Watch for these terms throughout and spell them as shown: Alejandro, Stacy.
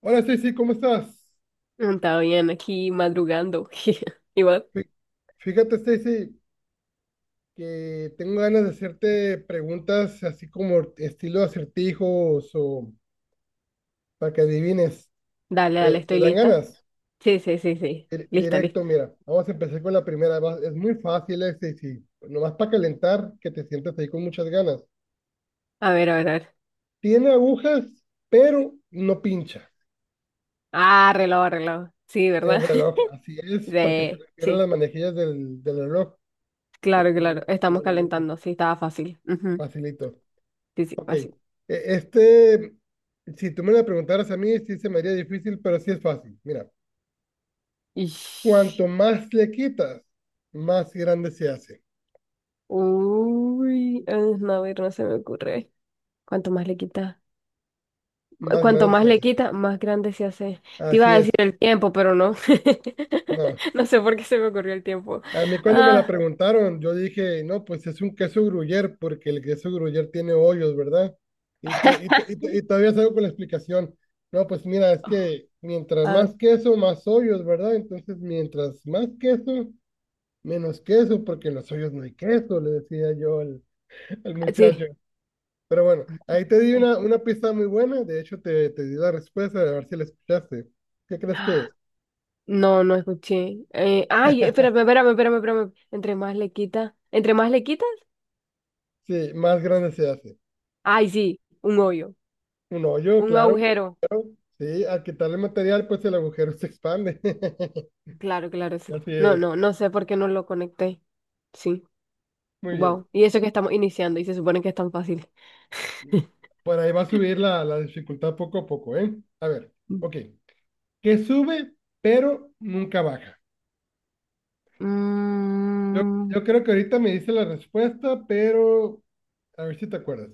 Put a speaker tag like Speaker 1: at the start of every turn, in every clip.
Speaker 1: Hola Stacy, ¿cómo estás?
Speaker 2: Está bien, aquí madrugando. Igual.
Speaker 1: Fí- Fíjate Stacy que tengo ganas de hacerte preguntas así como estilo acertijos o para que adivines.
Speaker 2: Dale, dale,
Speaker 1: ¿Te
Speaker 2: estoy
Speaker 1: dan
Speaker 2: lista.
Speaker 1: ganas?
Speaker 2: Sí, sí, sí, sí.
Speaker 1: Dir-
Speaker 2: Lista,
Speaker 1: Directo,
Speaker 2: lista.
Speaker 1: mira, vamos a empezar con la primera. Es muy fácil, Stacy, nomás para calentar, que te sientas ahí con muchas ganas.
Speaker 2: A ver, a ver, a ver.
Speaker 1: Tiene agujas, pero no pincha
Speaker 2: Ah, reloj, reloj. Sí,
Speaker 1: el
Speaker 2: ¿verdad?
Speaker 1: reloj. Así es, porque se
Speaker 2: Sí,
Speaker 1: refiere a las
Speaker 2: sí.
Speaker 1: manejillas del reloj, que
Speaker 2: Claro, claro.
Speaker 1: también
Speaker 2: Estamos
Speaker 1: tienen agujas.
Speaker 2: calentando. Sí, estaba fácil. Ujú.
Speaker 1: Facilito.
Speaker 2: Sí, sí,
Speaker 1: Ok.
Speaker 2: fácil.
Speaker 1: Este, si tú me la preguntaras a mí, sí se me haría difícil, pero sí es fácil. Mira, cuanto
Speaker 2: Ish.
Speaker 1: más le quitas, más grande se hace.
Speaker 2: Uy, ah, no, a ver, no se me ocurre. ¿Cuánto más le quita?
Speaker 1: Más
Speaker 2: Cuanto
Speaker 1: grande
Speaker 2: más
Speaker 1: se
Speaker 2: le
Speaker 1: hace.
Speaker 2: quita, más grande se hace. Te
Speaker 1: Así
Speaker 2: iba a decir
Speaker 1: es.
Speaker 2: el tiempo, pero no.
Speaker 1: No.
Speaker 2: No sé por qué se me ocurrió el tiempo.
Speaker 1: A mí, cuando me la
Speaker 2: Ah,
Speaker 1: preguntaron, yo dije, no, pues es un queso gruyere, porque el queso gruyere tiene hoyos, ¿verdad? Y, to- y, to- y, to- y todavía salgo con la explicación. No, pues mira, es que mientras
Speaker 2: a ver.
Speaker 1: más queso, más hoyos, ¿verdad? Entonces, mientras más queso, menos queso, porque en los suyos no hay queso, le decía yo al
Speaker 2: Sí.
Speaker 1: muchacho. Pero bueno, ahí te di
Speaker 2: Eh,
Speaker 1: una pista muy buena, de hecho te di la respuesta, a ver si la escuchaste. ¿Qué crees que
Speaker 2: ah,
Speaker 1: es?
Speaker 2: No, no escuché. Ay, espérame, espérame, espérame, espérame. Entre más le quitas. ¿Entre más le quitas?
Speaker 1: Sí, más grande se hace.
Speaker 2: Ay, sí, un hoyo,
Speaker 1: Un hoyo,
Speaker 2: un
Speaker 1: claro.
Speaker 2: agujero.
Speaker 1: Sí, al quitarle material, pues el agujero se expande.
Speaker 2: Claro, claro, sí.
Speaker 1: Así
Speaker 2: No,
Speaker 1: es.
Speaker 2: no, no sé por qué no lo conecté. Sí,
Speaker 1: Muy bien.
Speaker 2: wow. Y eso que estamos iniciando y se supone que es tan fácil.
Speaker 1: Por ahí va a subir la dificultad poco a poco, ¿eh? A ver, ok. Que sube, pero nunca baja. Yo,
Speaker 2: Mmm,
Speaker 1: yo creo que ahorita me dice la respuesta, pero a ver si te acuerdas.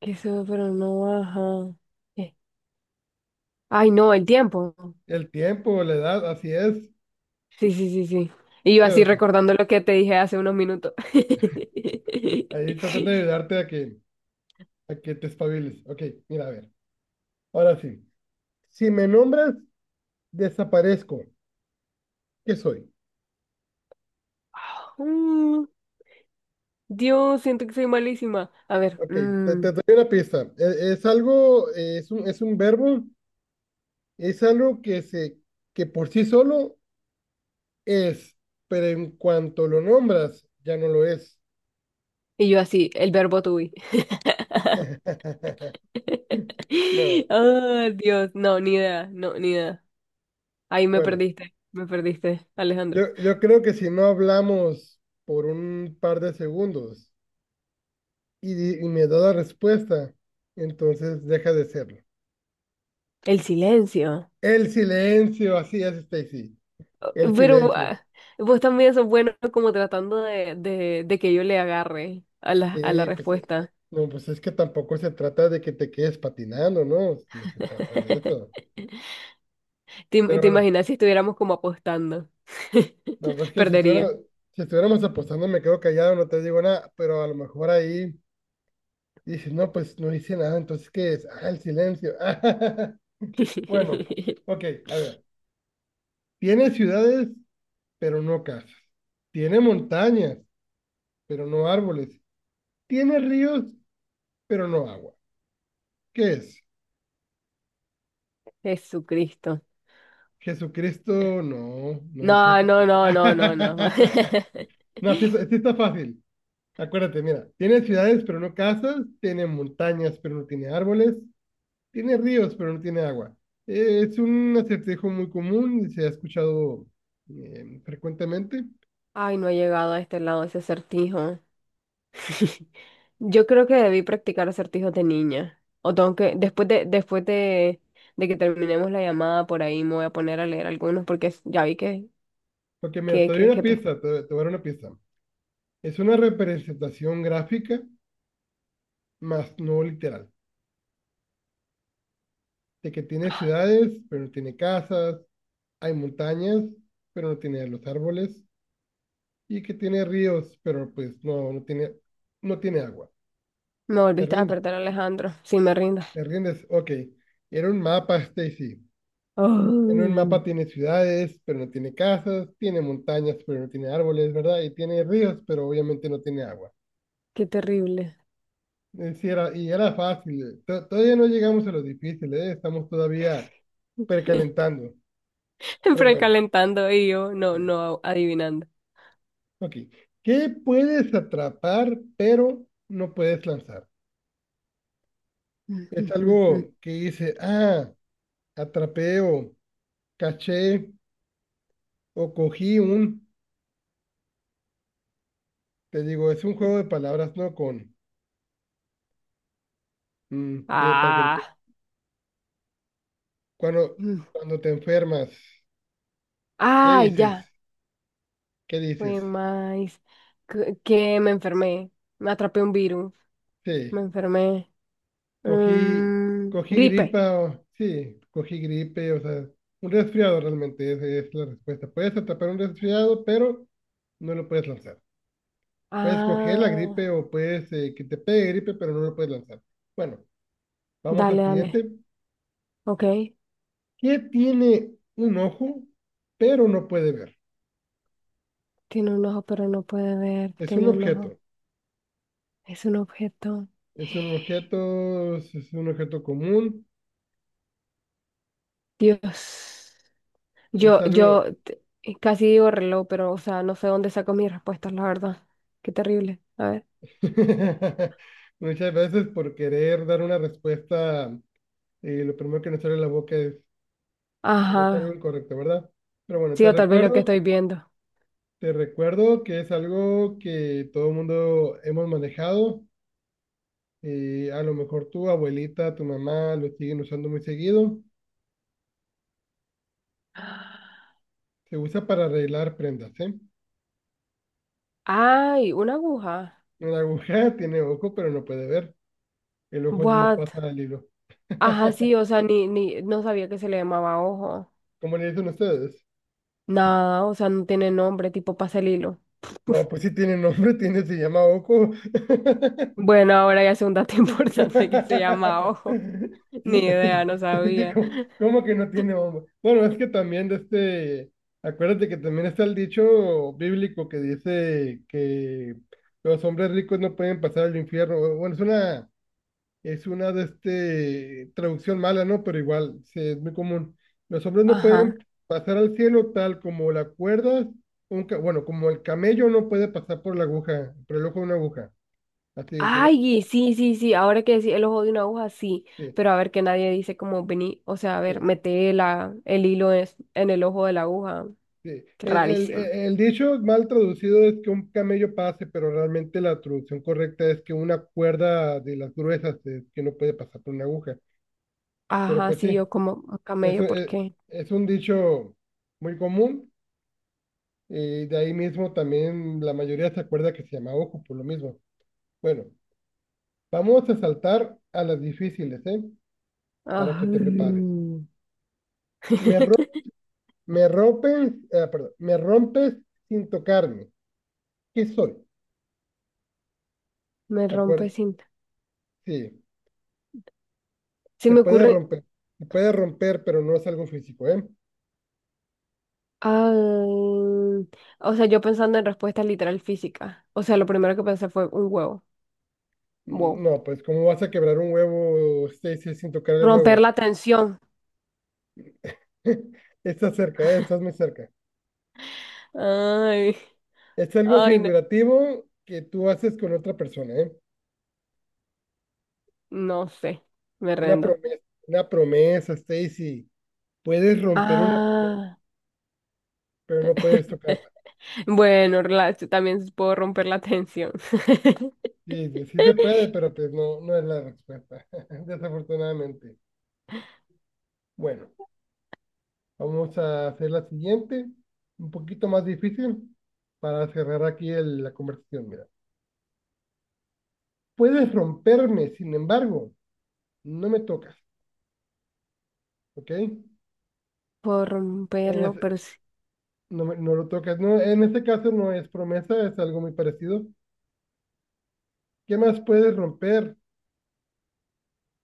Speaker 2: que sube pero no baja. Eh, Ay, no, el tiempo.
Speaker 1: El tiempo, la edad, así es.
Speaker 2: Sí, sí, sí, sí. Y yo así
Speaker 1: Dios,
Speaker 2: recordando lo que te dije hace unos minutos.
Speaker 1: ahí tratando de ayudarte a que te espabiles. Ok, mira, a ver. Ahora sí. Si me nombras, desaparezco. ¿Qué soy?
Speaker 2: Mm, Dios, siento que soy malísima. A ver,
Speaker 1: Ok, te, te doy una pista. Es algo, es un verbo, es algo que se, que por sí solo es, pero en cuanto lo nombras, ya no lo es.
Speaker 2: y yo así, el verbo to be.
Speaker 1: No,
Speaker 2: Ah, Dios, no, ni idea, no, ni idea. Ahí
Speaker 1: bueno.
Speaker 2: me perdiste, Alejandro.
Speaker 1: Yo creo que si no hablamos por un par de segundos y me da la respuesta, entonces deja de serlo.
Speaker 2: El silencio.
Speaker 1: El silencio, así es, Stacy.
Speaker 2: Oh,
Speaker 1: El
Speaker 2: pero
Speaker 1: silencio.
Speaker 2: ah, vos también sos bueno como tratando de que yo le agarre a a la
Speaker 1: Sí, pues,
Speaker 2: respuesta.
Speaker 1: no, pues es que tampoco se trata de que te quedes patinando, ¿no? No se trata de eso. Pero
Speaker 2: Te
Speaker 1: bueno,
Speaker 2: imaginas si estuviéramos como apostando?
Speaker 1: no, pues que
Speaker 2: Perdería.
Speaker 1: si estuviéramos apostando, me quedo callado, no te digo nada, pero a lo mejor ahí dices, no, pues no hice nada, entonces ¿qué es? Ah, el silencio. Bueno, ok, a ver. Tiene ciudades, pero no casas. Tiene montañas, pero no árboles. Tiene ríos, pero no agua. ¿Qué es?
Speaker 2: Jesucristo.
Speaker 1: Jesucristo, no, no es
Speaker 2: No, no,
Speaker 1: Jesucristo.
Speaker 2: no, no, no, no.
Speaker 1: No, sí, está, sí está fácil. Acuérdate, mira, tiene ciudades, pero no casas. Tiene montañas, pero no tiene árboles. Tiene ríos, pero no tiene agua. Es un acertijo muy común y se ha escuchado, frecuentemente.
Speaker 2: Ay, no he llegado a este lado ese acertijo. Yo creo que debí practicar acertijos de niña. O tengo que, de que terminemos la llamada por ahí, me voy a poner a leer algunos porque ya vi que,
Speaker 1: Porque mira,
Speaker 2: que,
Speaker 1: te doy
Speaker 2: que,
Speaker 1: una
Speaker 2: que pe-
Speaker 1: pista, te voy a dar una pista. Es una representación gráfica, más no literal, de que tiene ciudades, pero no tiene casas, hay montañas, pero no tiene los árboles, y que tiene ríos, pero pues no tiene, no tiene agua.
Speaker 2: me
Speaker 1: ¿Te
Speaker 2: volviste a
Speaker 1: rindes?
Speaker 2: perder, Alejandro. Si me rindas.
Speaker 1: ¿Te rindes? Ok. Era un mapa, Stacy. En un
Speaker 2: Oh,
Speaker 1: mapa tiene ciudades, pero no tiene casas, tiene montañas, pero no tiene árboles, ¿verdad? Y tiene ríos, pero obviamente no tiene agua.
Speaker 2: qué terrible.
Speaker 1: Y era fácil. Todavía no llegamos a lo difícil, ¿eh? Estamos todavía precalentando. Pero bueno,
Speaker 2: Precalentando y yo no,
Speaker 1: bien.
Speaker 2: no adivinando.
Speaker 1: Ok. ¿Qué puedes atrapar, pero no puedes lanzar? Es algo que dice, ah, atrapé o caché o cogí un, te digo, es un juego de palabras, ¿no? Con, mm, pi- para que lo pi-
Speaker 2: Ah.
Speaker 1: Cuando, cuando te enfermas, ¿qué
Speaker 2: Ay, ya.
Speaker 1: dices? ¿Qué
Speaker 2: Fue
Speaker 1: dices?
Speaker 2: más que me enfermé, me atrapé un virus, me
Speaker 1: Sí,
Speaker 2: enfermé.
Speaker 1: cogí,
Speaker 2: Mm,
Speaker 1: cogí
Speaker 2: gripe.
Speaker 1: gripa, o- sí, cogí gripe, o sea, un resfriado realmente, esa es la respuesta. Puedes atrapar un resfriado, pero no lo puedes lanzar. Puedes coger la
Speaker 2: Ah,
Speaker 1: gripe o puedes, que te pegue gripe, pero no lo puedes lanzar. Bueno, vamos al
Speaker 2: dale, dale.
Speaker 1: siguiente.
Speaker 2: Ok.
Speaker 1: ¿Qué tiene un ojo, pero no puede ver?
Speaker 2: Tiene un ojo, pero no puede ver.
Speaker 1: Es
Speaker 2: Tiene
Speaker 1: un
Speaker 2: un ojo.
Speaker 1: objeto.
Speaker 2: Es un objeto.
Speaker 1: Es un objeto, es un objeto común.
Speaker 2: Dios.
Speaker 1: Es
Speaker 2: Yo,
Speaker 1: algo.
Speaker 2: yo t- casi digo reloj, pero, o sea, no sé dónde saco mis respuestas, la verdad. Qué terrible. A ver.
Speaker 1: Muchas veces, por querer dar una respuesta, lo primero que nos sale de la boca es algo
Speaker 2: Ajá.
Speaker 1: incorrecto, ¿verdad? Pero bueno,
Speaker 2: Sí,
Speaker 1: te
Speaker 2: o tal vez lo que
Speaker 1: recuerdo,
Speaker 2: estoy viendo.
Speaker 1: te, recuerdo que es algo que todo el mundo hemos manejado. A lo mejor tu abuelita, tu mamá lo siguen usando muy seguido. Se usa para arreglar prendas, ¿eh?
Speaker 2: Ay, una aguja.
Speaker 1: Una aguja tiene ojo, pero no puede ver. El ojo es donde
Speaker 2: What?
Speaker 1: pasa el hilo.
Speaker 2: Ajá, sí, o sea, ni, ni, no sabía que se le llamaba ojo.
Speaker 1: ¿Cómo le dicen ustedes?
Speaker 2: Nada, o sea, no tiene nombre, tipo pasa el hilo.
Speaker 1: No, pues sí tiene nombre, tiene, se llama ojo.
Speaker 2: Bueno, ahora ya es un dato importante que se llama ojo. Ni idea, no
Speaker 1: Es que
Speaker 2: sabía.
Speaker 1: como, como que no tiene bomba. Bueno, es que también acuérdate que también está el dicho bíblico que dice que los hombres ricos no pueden pasar al infierno. Bueno, es una de este traducción mala, ¿no? Pero igual, sí, es muy común. Los hombres no
Speaker 2: Ajá.
Speaker 1: pueden pasar al cielo tal como la cuerda, bueno, como el camello no puede pasar por la aguja, por el ojo de una aguja. Así dice la-
Speaker 2: Ay, sí, sí, sí, ahora que decía el ojo de una aguja, sí.
Speaker 1: sí,
Speaker 2: Pero a ver que nadie dice como vení, o sea, a ver,
Speaker 1: sí.
Speaker 2: mete el hilo en el ojo de la aguja.
Speaker 1: Sí,
Speaker 2: Qué rarísimo.
Speaker 1: El dicho mal traducido es que un camello pase, pero realmente la traducción correcta es que una cuerda de las gruesas es que no puede pasar por una aguja. Pero
Speaker 2: Ajá,
Speaker 1: pues
Speaker 2: sí, yo
Speaker 1: sí,
Speaker 2: como
Speaker 1: eso
Speaker 2: camello, ¿por qué?
Speaker 1: es un dicho muy común, y de ahí mismo también la mayoría se acuerda que se llama ojo por lo mismo. Bueno, vamos a saltar a las difíciles, ¿eh? Para que
Speaker 2: Ay,
Speaker 1: te prepares. Me, ro- me rompes, ah, perdón, me rompes sin tocarme. ¿Qué soy?
Speaker 2: me
Speaker 1: ¿De
Speaker 2: rompe
Speaker 1: acuerdo?
Speaker 2: cinta.
Speaker 1: Sí.
Speaker 2: Se
Speaker 1: Se
Speaker 2: me
Speaker 1: puede
Speaker 2: ocurre.
Speaker 1: romper, se puede romper, pero no es algo físico, ¿eh?
Speaker 2: Ah, o sea, yo pensando en respuesta literal física. O sea, lo primero que pensé fue un huevo. Wow.
Speaker 1: No, pues ¿cómo vas a quebrar un huevo, Stacy, sin tocar el
Speaker 2: Romper
Speaker 1: huevo?
Speaker 2: la tensión.
Speaker 1: Estás cerca, ¿eh? Estás muy cerca.
Speaker 2: Ay,
Speaker 1: Es algo
Speaker 2: ay, no,
Speaker 1: figurativo que tú haces con otra persona, ¿eh?
Speaker 2: no sé. Me
Speaker 1: Una
Speaker 2: rendo.
Speaker 1: promesa, una promesa, Stacy. Puedes romper una,
Speaker 2: Ah,
Speaker 1: pero no puedes tocarla.
Speaker 2: bueno, también puedo romper la tensión.
Speaker 1: Sí, sí, sí se puede, pero pues no, no es la respuesta, desafortunadamente. Bueno, vamos a hacer la siguiente, un poquito más difícil, para cerrar aquí la conversación. Mira, puedes romperme, sin embargo, no me tocas, ¿ok?
Speaker 2: Puedo romperlo,
Speaker 1: Ese-
Speaker 2: pero sí.
Speaker 1: no, no lo tocas. No, en este caso no es promesa, es algo muy parecido. ¿Qué más puedes romper,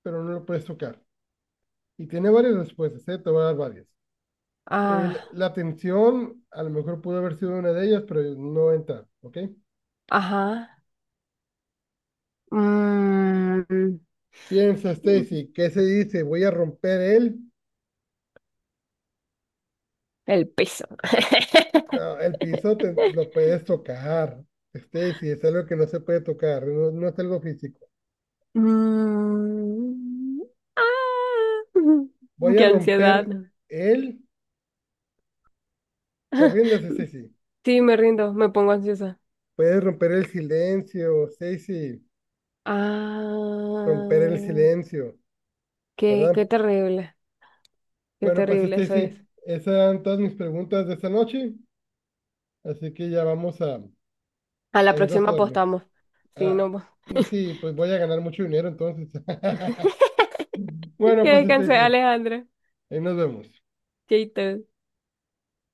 Speaker 1: pero no lo puedes tocar? Y tiene varias respuestas, ¿eh? Te voy a dar varias. El-
Speaker 2: Ah,
Speaker 1: la tensión, a lo mejor pudo haber sido una de ellas, pero no entra, ¿ok?
Speaker 2: ajá. Mm,
Speaker 1: Piensa, Stacy, ¿qué se dice? ¿Voy a romper él?
Speaker 2: el peso.
Speaker 1: No, el piso lo puedes tocar. Stacy, es algo que no se puede tocar, no, no es algo físico.
Speaker 2: Mm, ah,
Speaker 1: Voy a
Speaker 2: qué ansiedad.
Speaker 1: romper el. ¿Te rindes, Stacy?
Speaker 2: Sí, me rindo, me pongo ansiosa.
Speaker 1: Puedes romper el silencio, Stacy. Romper el
Speaker 2: Ah,
Speaker 1: silencio,
Speaker 2: qué,
Speaker 1: ¿verdad?
Speaker 2: qué
Speaker 1: Bueno, pues
Speaker 2: terrible eso es.
Speaker 1: Stacy, esas eran todas mis preguntas de esta noche. Así que ya vamos
Speaker 2: A la
Speaker 1: a irnos a
Speaker 2: próxima
Speaker 1: dormir.
Speaker 2: apostamos. Sí, no.
Speaker 1: Ah, sí, pues voy a ganar mucho dinero entonces. Bueno,
Speaker 2: Que
Speaker 1: pues
Speaker 2: descanse,
Speaker 1: Stacy,
Speaker 2: Alejandra.
Speaker 1: ahí nos vemos.
Speaker 2: Chaito.